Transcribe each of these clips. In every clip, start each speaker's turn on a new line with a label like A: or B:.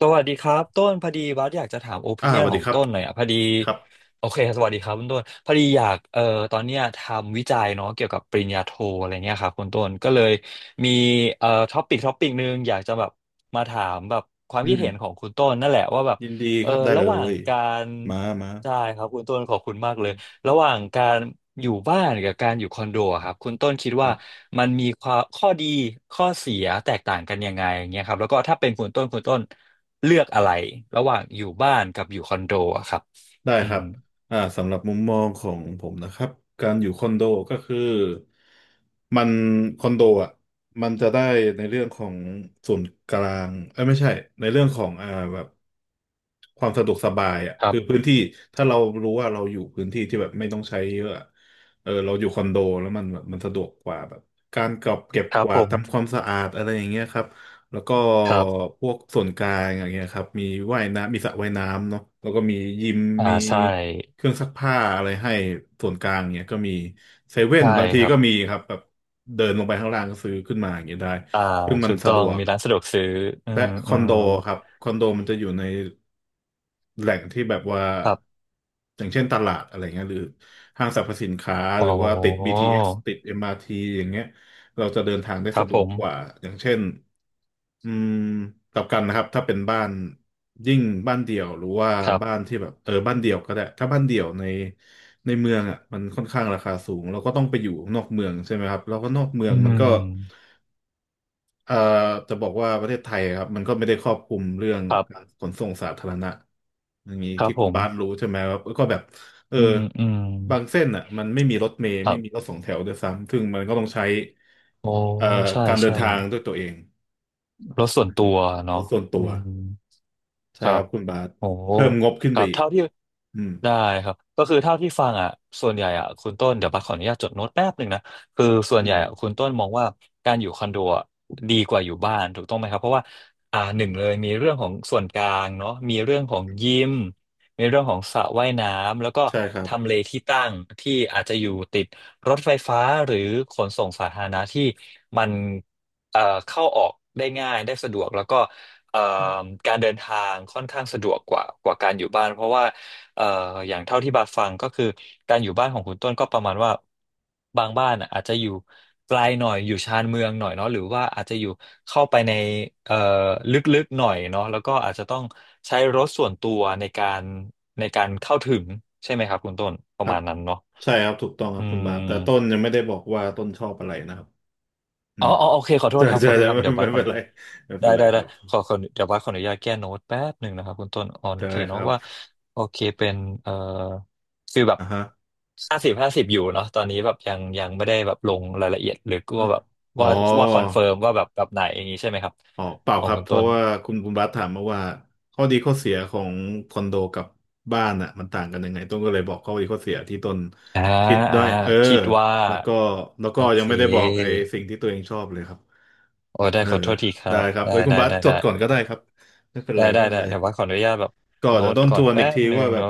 A: สวัสดีครับต้นพอดีบัสอยากจะถามโอปิเนี
B: ส
A: ยน
B: วัส
A: ข
B: ดี
A: อง
B: ครับ
A: ต้นหน่อยอ่ะพอดี
B: ครับ
A: โอเคสวัสดีครับคุณต้นพอดีอยากตอนเนี้ยทำวิจัยเนาะเกี่ยวกับปริญญาโทอะไรเงี้ยครับคุณต้นก็เลยมีท็อปิกนึงอยากจะแบบมาถามแบบความ
B: อื
A: คิด
B: ม
A: เห็นของคุณต้นนั่นแหละว่าแบบ
B: ยินดี
A: เอ
B: ค
A: อ
B: รับได้
A: ระ
B: เล
A: หว่าง
B: ย
A: การ
B: มามา
A: ใช่ครับคุณต้นขอบคุณมากเลยระหว่างการอยู่บ้านกับการอยู่คอนโดอะครับคุณต้นคิด
B: ครั
A: ว่า
B: บ
A: มันมีข้อดีข้อเสียแตกต่างกันยังไงอย่างเงี้ยครับแล้วก็ถ้าเป็นคุณต้นเลือกอะไรระหว่างอยู่บ้านกับอยู่คอนโดอะครับ
B: ได้
A: อื
B: ครั
A: ม
B: บสำหรับมุมมองของผมนะครับการอยู่คอนโดก็คือมันคอนโดอ่ะมันจะได้ในเรื่องของส่วนกลางเอ้ยไม่ใช่ในเรื่องของแบบความสะดวกสบายอ่ะ
A: ครั
B: คื
A: บ
B: อพื้นที่ถ้าเรารู้ว่าเราอยู่พื้นที่ที่แบบไม่ต้องใช้เยอะอะเออเราอยู่คอนโดแล้วมันแบบมันสะดวกกว่าแบบการเก็บ
A: ค
B: ก
A: รับ
B: วา
A: ผ
B: ด
A: ม
B: ทำความสะอาดอะไรอย่างเงี้ยครับ แล้วก็
A: ครับ
B: พวกส่วนกลางอย่างเงี้ยครับมีว่ายน้ำมีสระว่ายน้ำเนาะแล้วก็มียิม
A: อ่า
B: มี
A: ใช่
B: เครื่องซักผ้าอะไรให้ส่วนกลางเงี้ยก็มีเซเว่น
A: ใช่
B: บางที
A: ครับ
B: ก็มีครับแบบเดินลงไปข้างล่างก็ซื้อขึ้นมาอย่างเงี้ยได้
A: อ่า
B: ซึ่งมัน
A: ถูก
B: สะ
A: ต้อ
B: ด
A: ง
B: วก
A: มีร้านสะดวกซื้ออื
B: และ
A: ม
B: ค
A: อื
B: อนโด
A: ม
B: ครับคอนโดมันจะอยู่แหล่งที่แบบว่า
A: ครับ
B: อย่างเช่นตลาดอะไรเงี้ยหรือห้างสรรพสินค้า
A: โอ
B: หรือว่าติด
A: ้
B: BTS ติด m r ีอย่างเงี้ยเราจะเดินทางได้
A: ครั
B: สะ
A: บ
B: ด
A: ผ
B: วก
A: ม
B: กว่าอย่างเช่น อืมกลับกันนะครับถ้าเป็นบ้านยิ่งบ้านเดี่ยวหรือว่า
A: ครั
B: บ้าน
A: บ
B: ที่แบบเออบ้านเดี่ยวก็ได้ถ้าบ้านเดี่ยวในเมืองอ่ะมันค่อนข้างราคาสูงเราก็ต้องไปอยู่นอกเมืองใช่ไหมครับแล้วก็นอกเมือ
A: อื
B: งมันก็
A: ม
B: เอ่อจะบอกว่าประเทศไทยครับมันก็ไม่ได้ครอบคลุมเรื่อง
A: ครั
B: การ
A: บ
B: ขนส่งสาธารณะอย่างนี้
A: ครับ
B: ที่
A: ผ
B: คุณ
A: ม
B: บาสรู้ใช่ไหมครับก็แบบเออ
A: อืมอืม
B: บางเส้นอ่ะมันไม่มีรถเมล์
A: ครั
B: ไม่มีร
A: บ
B: ถสองแถวด้วยซ้ำซึ่งมันก็ต้องใช้
A: โอ้
B: เอ่อ
A: ใช่
B: การเดิน
A: ใช่
B: ทางด้วยตัวเอง
A: รถส่วนตัว
B: ร
A: เนาะ
B: ถส่วน
A: อื
B: ตัว
A: มค
B: ใช่
A: รั
B: ครั
A: บ
B: บคุณบาส
A: โอ้
B: เพิ่มงบขึ้น
A: ค
B: ไป
A: รับ
B: อีก
A: เท่าที่
B: อืม
A: ได้ครับก็คือเท่าที่ฟังอ่ะส่วนใหญ่อ่ะคุณต้นเดี๋ยวบัสขออนุญาตจดโน้ตแป๊บหนึ่งนะคือส่วน
B: อื
A: ใหญ่
B: ม
A: อะคุณต้นมองว่าการอยู่คอนโดอะดีกว่าอยู่บ้านถูกต้องไหมครับเพราะว่าอ่าหนึ่งเลยมีเรื่องของส่วนกลางเนาะมีเรื่องของยิมมีเรื่องของสระว่ายน้ำแล้วก็
B: ใช่ครับ
A: ทำเลที่ตั้งที่อาจจะอยู่ติดรถไฟฟ้าหรือขนส่งสาธารณะที่มันเข้าออกได้ง่ายได้สะดวกแล้วก็ เอ่อการเดินทางค่อนข้างสะดวกกว่าการอยู่บ้านเพราะว่าเอ่ออย่างเท่าที่บาฟังก็คือการอยู่บ้านของคุณต้นก็ประมาณว่าบางบ้านอะอาจจะอยู่ไกลหน่อยอยู่ชานเมืองหน่อยเนาะหรือว่าอาจจะอยู่เข้าไปในเอ่อลึกๆหน่อยเนาะแล้วก็อาจจะต้องใช้รถส่วนตัวในการเข้าถึงใช่ไหมครับคุณต้นป
B: ค
A: ระ
B: รั
A: มา
B: บ
A: ณนั้นเนาะ
B: ใช่ครับถูกต้องครั
A: อื
B: บคุณบาสแต่ต้น
A: ม
B: ยังไม่ได้บอกว่าต้นชอบอะไรนะครับอื
A: อ๋อ
B: ม
A: อ๋อโอเคขอโทษ
B: ใช่
A: ครับข
B: ใช่
A: อโทษ
B: ใช่
A: ครับ
B: ไม่
A: เดี๋ยวบัส
B: ไม่
A: ขอ
B: เป็นไรไม่
A: ได้
B: เป็นไร
A: ได้
B: ค
A: ได้
B: รับ
A: ขอเดี๋ยวบัสขออนุญาตแก้โน้ตแป๊บหนึ่งนะครับคุณต้นอ๋อโอ
B: ได้
A: เค
B: ค
A: เนาะ
B: รับ
A: ว่าโอเคเป็นเอ่อคือแบบ
B: อ่าฮะ
A: 50/50อยู่เนาะตอนนี้แบบยังยังไม่ได้แบบลงรายละเอียดหรือ
B: อะ
A: ก็แบบ
B: อ๋อ
A: ว่าว่าคอนเฟิร์มว่าแบบแบบไหนอย่างนี้ใช่ไหมครับ
B: อ๋อเปล่า
A: ขอ
B: ค
A: ง
B: รับ
A: คุณ
B: เพ
A: ต้
B: ราะ
A: น
B: ว่าคุณบาสถามมาว่าข้อดีข้อเสียของคอนโดกับบ้านอ่ะมันต่างกันยังไงต้นก็เลยบอกข้อดีข้อเสียที่ต้น
A: อ่า
B: คิดด้
A: อ่า
B: วยเออ
A: คิดว่า
B: แล้วก็
A: โอ
B: ยั
A: เค
B: งไม่ได้บอกไอ้สิ่งที่ตัวเองชอบเลยครับ
A: โอ้ได้
B: เออ
A: ขอโทษทีครั
B: ได้
A: บ
B: ครับ
A: ได้
B: เอ้ยคุณ
A: ได้
B: บัส
A: ได้
B: จด
A: ได้
B: ก่อนก็ได้ครับไม่เป็น
A: ได้
B: ไร
A: ได้
B: ไม่เป็น
A: ได้
B: ไร
A: เดี๋ยวว่าขออนุญาตแบบ
B: ก็
A: โน้
B: เดี๋ยว
A: ต
B: ต้นท
A: ก่อน
B: วน
A: แป๊
B: อีก
A: บ
B: ที
A: หนึ่
B: ว่า
A: ง
B: แบบ
A: เนาะ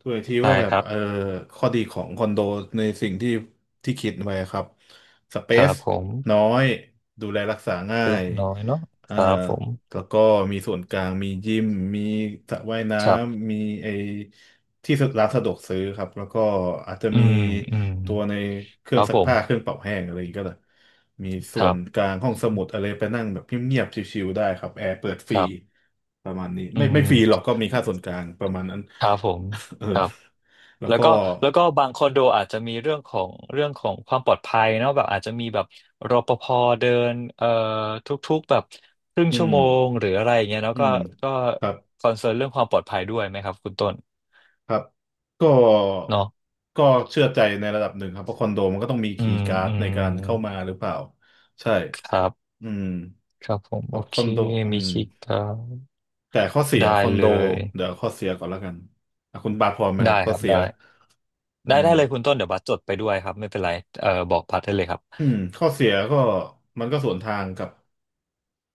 B: ทวนอีกที
A: ได้
B: ว่าแบ
A: ค
B: บ
A: รับ
B: เออข้อดีของคอนโดในสิ่งที่คิดไว้ครับสเป
A: ครั
B: ซ
A: บผม
B: น้อยดูแลรักษาง่า
A: เล็ก
B: ย
A: น้อยเนาะ
B: เอ่
A: ค
B: อ
A: รับผม
B: แล้วก็มีส่วนกลางมียิมมีสระว่ายน้
A: ครับ
B: ำมีไอ ที่ร้านสะดวกซื้อครับแล้วก็อาจจะ
A: อื
B: มี
A: มอืม
B: ตัวในเครื่
A: ค
B: อง
A: รับ
B: ซั
A: ผ
B: กผ้าเครื่อ
A: ม
B: งเป่าแห้งอะไรอย่างเงี้ยก็เลยมีส่
A: ค
B: ว
A: รั
B: นก
A: บ
B: ลางห้องสมุดอะไรไปนั่งแบบเงียบๆชิวๆได้ครับแอร์เปิดฟ
A: ค
B: รี
A: รับ
B: ประมาณนี้
A: อื
B: ไม่ไม่ฟรีหรอก
A: ม
B: ก็มีค่าส่วนกลางประมาณนั้น
A: ครับผม
B: เออ
A: ครับ
B: แล้ว
A: แล้ว
B: ก็
A: ก็แล้วก็บางคอนโดอาจจะมีเรื่องของความปลอดภัยเนาะแบบอาจจะมีแบบรปภเดินทุกๆแบบครึ่ง
B: อื
A: ชั่ว
B: ม
A: โมงหรืออะไรอย่างเงี้ยเนาะ
B: อื
A: ก็
B: ม
A: ก็
B: ครับ
A: คอนเซิร์นเรื่องความปลอดภัยด้วยไหมครับคุณต้น
B: ครับก็
A: เนาะ
B: ก็เชื่อใจในระดับหนึ่งครับเพราะคอนโดมันก็ต้องมี
A: อื
B: คีย์
A: ม
B: การ์ด
A: อื
B: ใน
A: ม
B: การเข้ามาหรือเปล่าใช่
A: ครับ
B: อืม
A: ครับผม
B: เพ
A: โอ
B: ราะค
A: เค
B: อนโดอื
A: มี
B: ม
A: คิกครับ
B: แต่ข้อเสีย
A: ได้
B: คอนโด
A: เลย
B: เดี๋ยวข้อเสียก่อนแล้วกันอ่ะคุณบาทพอไหมครั
A: ได้
B: บข้
A: ค
B: อ
A: รับ
B: เสีย
A: ได้
B: อื
A: ได้
B: ม
A: ได้เลยคุณต้นเดี๋ยวบัสจดไปด้วยครับไม่เป็นไรเออบอกพัดได้เลยครับ
B: อืมข้อเสียก็มันก็สวนทางกับ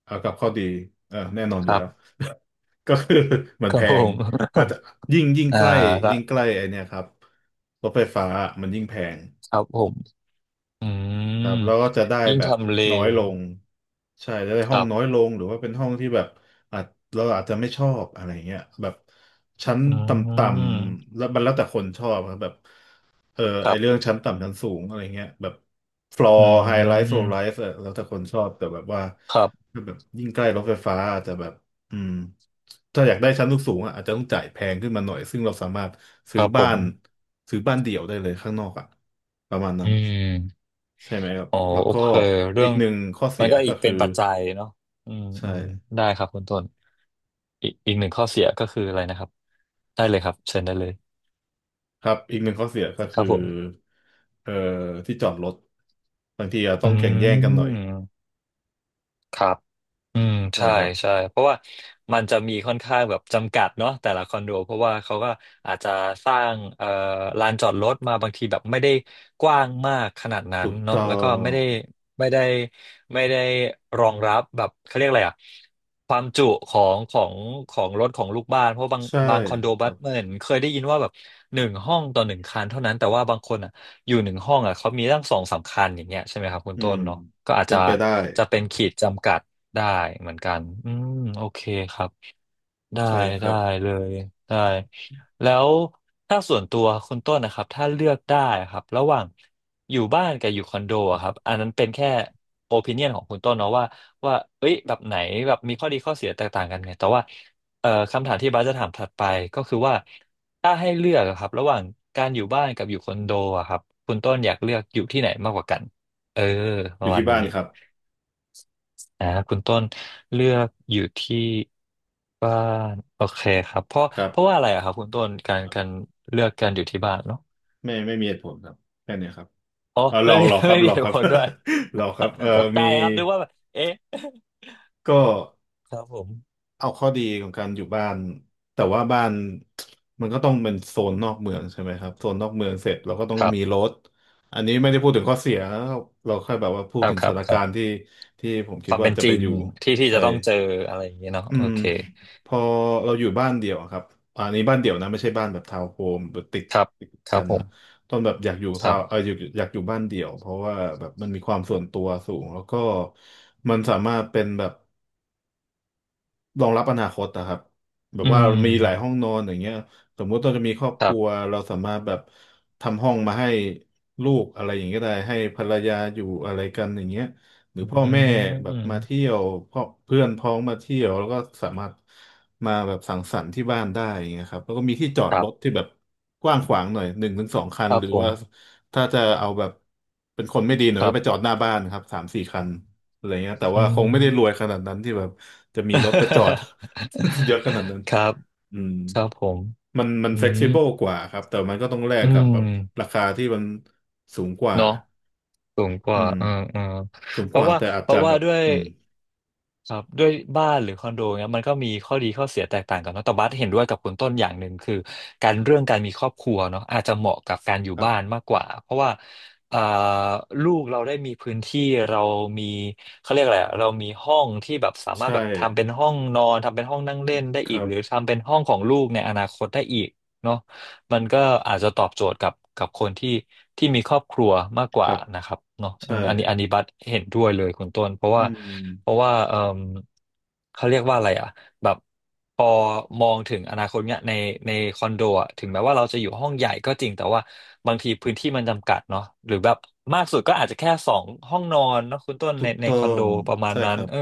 B: กับข้อดีเออแน่นอน
A: ค
B: อยู่
A: รั
B: แล้ว
A: บ
B: ก็คือมัน
A: ครั
B: แพ
A: บผ
B: ง
A: ม
B: อาจจะยิ่ง
A: อ่า
B: ใกล้
A: ละ
B: ยิ่งใกล้ไอเนี่ยครับรถไฟฟ้ามันยิ่งแพง
A: ครับผมอื
B: ครั
A: ม
B: บแล้วก็จะได้
A: ยิ่ง
B: แบบ
A: ทำเล
B: น้อยลงใช่จะได้
A: ค
B: ห้อง
A: รั
B: น้อย
A: บ
B: ลงหรือว่าเป็นห้องที่แบบอาจเราอาจจะไม่ชอบอะไรเงี้ยแบบชั้น
A: อื
B: ต่ำ
A: ม
B: ๆแล้วมันแล้วแต่คนชอบครับแบบเออ
A: ค
B: ไอ
A: รั
B: เรื่อง
A: บ
B: ชั้นต่ำชั้นสูงอะไรเงี้ยแบบฟลอ
A: อื
B: ร์ไฮไลท์โซลไล
A: ม
B: ท์แล้วแต่คนชอบแต่แบบว่า
A: ครับ
B: ถ้าแบบยิ่งใกล้รถไฟฟ้าอาจจะแบบอืมถ้าอยากได้ชั้นสูงๆอ่ะอาจจะต้องจ่ายแพงขึ้นมาหน่อยซึ่งเราสามารถ
A: ค
B: ซื้อ
A: รับผ
B: บ้า
A: ม
B: นซื้อบ้านเดี่ยวได้เลยข้างนอกอ่ะประมาณนั้
A: อื
B: น
A: ม
B: ใช่ไหมครับ
A: อ๋อ
B: แล้ว
A: โอ
B: ก็
A: เคเรื่
B: อี
A: อ
B: ก
A: ง
B: หนึ่งข้อเสี
A: มัน
B: ย
A: ก็
B: ก็
A: อีก
B: คื
A: เป็
B: อ
A: นปัจจัยเนาะอืม
B: ใช่
A: อืมได้ครับคุณต้นอีกหนึ่งข้อเสียก็คืออะไรนะครับได้เลยครับเชิญได้เลย
B: ครับ อีกหนึ่งข้อเสียก็
A: ค
B: คื
A: รั
B: อ
A: บผม
B: เอ่อที่จอดรถบางทีอาจต้
A: อื
B: องแข่งแย่งกัน
A: ม
B: หน่อย
A: ครับ อืม
B: ใช่
A: ใช่
B: ครับ
A: ใช่เพราะว่ามันจะมีค่อนข้างแบบจำกัดเนาะแต่ละคอนโดเพราะว่าเขาก็อาจจะสร้างลานจอดรถมาบางทีแบบไม่ได้กว้างมากขนาดนั้น
B: ถูก
A: เนาะ
B: ต้อ
A: แล้วก็
B: ง
A: ไม่ได้ไม่ได้รองรับแบบเขาเรียกอะไรอะความจุของรถของลูกบ้านเพราะ
B: ใช่
A: บางคอนโด
B: ค
A: บั
B: รั
A: ส
B: บ
A: เหมือนเคยได้ยินว่าแบบ1 ห้องต่อ 1 คันเท่านั้นแต่ว่าบางคนอ่ะอยู่หนึ่งห้องอ่ะเขามีตั้ง2-3 คันอย่างเงี้ยใช่ไหมครับคุณ
B: อื
A: ต้
B: ม
A: นเนาะก็อาจ
B: เป็
A: จะ
B: นไปได้
A: จะ
B: ครั
A: เป็น
B: บ
A: ขีดจำกัด ได้เหมือนกันอืมโอเคครับได้
B: ใช่ครั
A: ได้
B: บ
A: เลยได้แล้วถ้าส่วนตัวคุณต้นนะครับถ้าเลือกได้ครับระหว่างอยู่บ้านกับอยู่คอนโดอะครับอันนั้นเป็นแค่โอปิเนียนของคุณต้นเนาะว่าเอ้ยแบบไหนแบบมีข้อดีข้อเสียแตกต่างกันไงแต่ว่าคำถามที่บาสจะถามถัดไปก็คือว่าถ้าให้เลือกอะครับระหว่างการอยู่บ้านกับอยู่คอนโดอะครับคุณต้นอยากเลือกอยู่ที่ไหนมากกว่ากันเออป
B: อ
A: ระ
B: ยู่
A: มา
B: ที่
A: ณ
B: บ้า
A: นี้
B: นครับ
A: อ่าคุณต้นเลือกอยู่ที่บ้านโอเคครับเพราะ
B: ครั
A: เพราะ
B: บ
A: ว่าอะไรอะครับคุณต้นการเลือกการอยู่ที่บ้านเนาะ
B: ไม่ไม่มีเหตุผลครับแค่เนี้ยครับ
A: อ๋อ
B: เออร
A: ไม่
B: อ
A: มี
B: รอค รับ
A: ไม่มี
B: รอ
A: เห
B: ค
A: ตุ
B: รับ
A: ผลด้วย
B: รอครับเออ
A: ตกใจ
B: มี
A: ครับนึกว่าแบบเอ๊ะ
B: ก็
A: ครับผม
B: เอาข้อดีของการอยู่บ้านแต่ว่าบ้านมันก็ต้องเป็นโซนนอกเมืองใช่ไหมครับโซนนอกเมืองเสร็จเราก็ต้อง
A: ครั
B: มี
A: บ
B: รถอันนี้ไม่ได้พูดถึงข้อเสียเราแค่แบบว่าพู
A: ค
B: ด
A: รับ
B: ถึง
A: ค
B: ส
A: รับ
B: ถาน
A: ครั
B: การณ์
A: บ
B: ที่ที่ผม
A: ค
B: คิด
A: วาม
B: ว่า
A: เป็น
B: จะ
A: จ
B: ไป
A: ริง
B: อยู่
A: ที่
B: ใช่
A: จะต้องเจออะไรอย่างเงี้ยเนาะ
B: อื
A: โอ
B: ม
A: เค
B: พอเราอยู่บ้านเดี่ยวอะครับอะอันนี้บ้านเดี่ยวนะไม่ใช่บ้านแบบทาวน์โฮมแบบติด
A: ครับ
B: ติด
A: ครั
B: กั
A: บ
B: น
A: ผม
B: นะตอนแบบอยากอยู่
A: ค
B: ทา
A: รั
B: วน์
A: บ
B: อยากอยู่บ้านเดี่ยวเพราะว่าแบบมันมีความส่วนตัวสูงแล้วก็มันสามารถเป็นแบบ รองรับอนาคตนะครับแบบ
A: อื
B: ว่ามีหลาย
A: ม
B: ห้องนอนอย่างเงี้ยสมมุติเราจะมีครอบ
A: ค
B: ค
A: รั
B: รัว
A: บ
B: เราสามารถแบบทำห้องมาให้ลูกอะไรอย่างเงี้ยได้ให้ภรรยาอยู่อะไรกันอย่างเงี้ยหรือ
A: อื
B: พ่อแม่แบบมาเที่
A: ม
B: ยวพ่อเพื่อนพ้องมาเที่ยวแล้วก็สามารถมาแบบสังสรรค์ที่บ้านได้อย่างเงี้ยครับแล้วก็มีที่จอ
A: ค
B: ด
A: รั
B: รถ
A: บ
B: ที่แบบกว้างขวางหน่อยหนึ่งถึงสองคั
A: ค
B: น
A: รั
B: ห
A: บ
B: รือ
A: ผม
B: ว่าถ้าจะเอาแบบเป็นคนไม่ดีหน่อย
A: ค
B: ก็
A: รั
B: ไปจอ
A: บ
B: ดหน้าบ้านครับ3-4 คัน อะไรเงี้ยแต่
A: อื
B: ว่าคง
A: ม
B: ไม่ได้รวยขนาดนั้นที่แบบจะมีรถไปจอด เยอะขนาดนั้น
A: ครับ
B: อืม
A: ครับผม
B: มันมัน
A: อื
B: เฟกซิเบิล
A: ม
B: กว่าครับแต่มันก็ต้องแลก
A: อื
B: กับ
A: ม
B: แบบราคาที่มันสูงกว่า
A: เนาะสูงก
B: อื
A: ว่า
B: ม
A: เออเออ
B: สูง
A: เพ
B: ก
A: ราะ
B: ว่า
A: ว่า
B: แต่อาจ
A: เพ
B: จะ
A: ราะ
B: แบ
A: ว่า
B: บ
A: ด้วย
B: อืม
A: ครับด้วยบ้านหรือคอนโดเนี่ยมันก็มีข้อดีข้อเสียแตกต่างกันเนอะแต่บัสเห็นด้วยกับคุณต้นอย่างหนึ่งคือการเรื่องการมีครอบครัวเนาะอาจจะเหมาะกับการอยู่
B: ครับ
A: บ้านมากกว่าเพราะว่าเอ่อลูกเราได้มีพื้นที่เรามีเขาเรียกอะไรอะเรามีห้องที่แบบสามารถ
B: ใช่
A: แบบทำเป็นห้องนอนทำเป็นห้องนั่งเล่นได้
B: ค
A: อีก
B: รั
A: หรือ
B: บ
A: ทำเป็นห้องของลูกในอนาคตได้อีกเนาะ มันก็อาจจะตอบโจทย์กับคนที่มีครอบครัวมากก
B: ค
A: ว่า
B: รับ
A: นะครับเนาะอื
B: ใช่
A: มอันนี้บัสเห็นด้วยเลยคุณต้นเพราะ
B: อื
A: ว่าเพ
B: ม
A: ราะว่าเอมเขาเรียกว่าอะไรอ่ะแบบพอมองถึงอนาคตเนี่ยในคอนโดอะถึงแม้ว่าเราจะอยู่ห้องใหญ่ก็จริงแต่ว่าบางทีพื้นที่มันจำกัดเนาะหรือแบบมากสุดก็อาจจะแค่สองห้องนอนเนาะคุณต้น
B: ถู
A: ใน
B: ก
A: ใน
B: ต้อ
A: คอนโด
B: ง
A: ประมาณ
B: ใช่
A: นั้
B: ค
A: น
B: รับ
A: เออ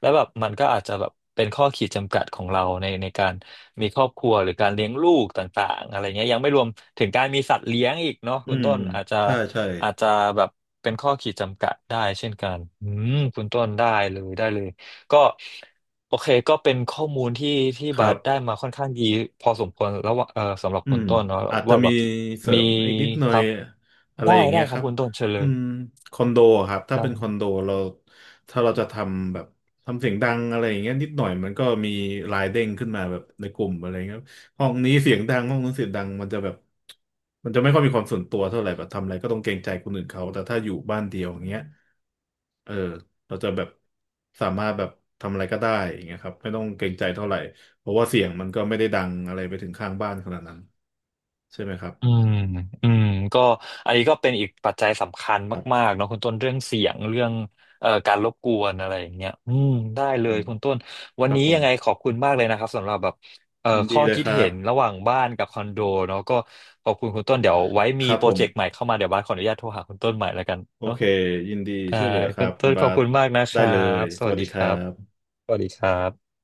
A: แล้วแบบมันก็อาจจะแบบเป็นข้อขีดจำกัดของเราในการมีครอบครัวหรือการเลี้ยงลูกต่างๆอะไรเงี้ยยังไม่รวมถึงการมีสัตว์เลี้ยงอีกเนาะ
B: อื
A: คุณ
B: ม
A: ต้นอาจจะ
B: ใช่ใช่
A: อาจจะแบบเป็นข้อขีดจำกัดได้เช่นกันอืมคุณต้นได้เลยได้เลยก็โอเคก็เป็นข้อมูลที่
B: ค
A: บา
B: รั
A: สได้
B: บ
A: มาค่อนข้างดีพอสมควรแล้วว่าเออสำหรับ
B: อื
A: คุณ
B: ม
A: ต้นเนาะ
B: อาจจะ
A: ว่าแบ
B: มี
A: บ
B: เสริ
A: มี
B: มอีกนิดหน่อ
A: ค
B: ย
A: รับ
B: อะไร
A: ได้
B: อย่าง
A: ได้
B: เงี้ย
A: ค
B: ค
A: รับ
B: รับ
A: คุณต้นเชิญเล
B: อื
A: ย
B: มคอนโดอะครับถ้าเป็นคอนโดเราถ้าเราจะทำแบบทำเสียงดังอะไรอย่างเงี้ยนิดหน่อยมันก็มีลายเด้งขึ้นมาแบบในกลุ่มอะไรเงี้ยห้องนี้เสียงดังห้องนู้นเสียงดังมันจะแบบมันจะไม่ค่อยมีความส่วนตัวเท่าไหร่แบบทำอะไรก็ต้องเกรงใจคนอื่นเขาแต่ถ้าอยู่บ้านเดียวอย่างเงี้ยเออเราจะแบบสามารถแบบทำอะไรก็ได้อย่างเงี้ยครับไม่ต้องเกรงใจเท่าไหร่ เพราะว่าเสียงมันก็ไม่ได้ดังอะไรไปถึงข้างบ้านขนาดนั้นใช่ไหมครับ
A: อืม อืมก็อันนี้ก็เป็นอีกปัจจัยสำคัญ
B: ครั
A: มา
B: บ
A: กๆเนาะคุณต้นเรื่องเสียงเรื่องการรบกวนอะไรอย่างเงี้ยอืมได้เล
B: อื
A: ย
B: ม
A: คุณต้นวั
B: ค
A: น
B: รับ
A: นี้
B: ผม
A: ยังไงขอบคุณมากเลยนะครับสำหรับแบบ
B: ยิน
A: ข้
B: ดี
A: อ
B: เลย
A: คิด
B: ครั
A: เห็
B: บ
A: นระหว่างบ้านกับคอนโดเนาะก็ขอบคุณคุณต้นเดี๋ยวไว้
B: ค
A: มี
B: รับ
A: โปร
B: ผม
A: เจกต์ใหม่เข้ามาเดี๋ยวบ้านขออนุญาตโทรหาคุณต้นใหม่แล้วกัน
B: โอ
A: เนาะ
B: เคยินดี
A: ได้
B: ช่วยเหลือค
A: คุ
B: รั
A: ณ
B: บคุ
A: ต้
B: ณ
A: นข
B: บา
A: อบ
B: ส
A: คุณมากนะค
B: ได้
A: รั
B: เลย
A: บส
B: ส
A: วั
B: วั
A: ส
B: ส
A: ดี
B: ดีค
A: ค
B: รั
A: รับ
B: บ
A: สวัสดีครับ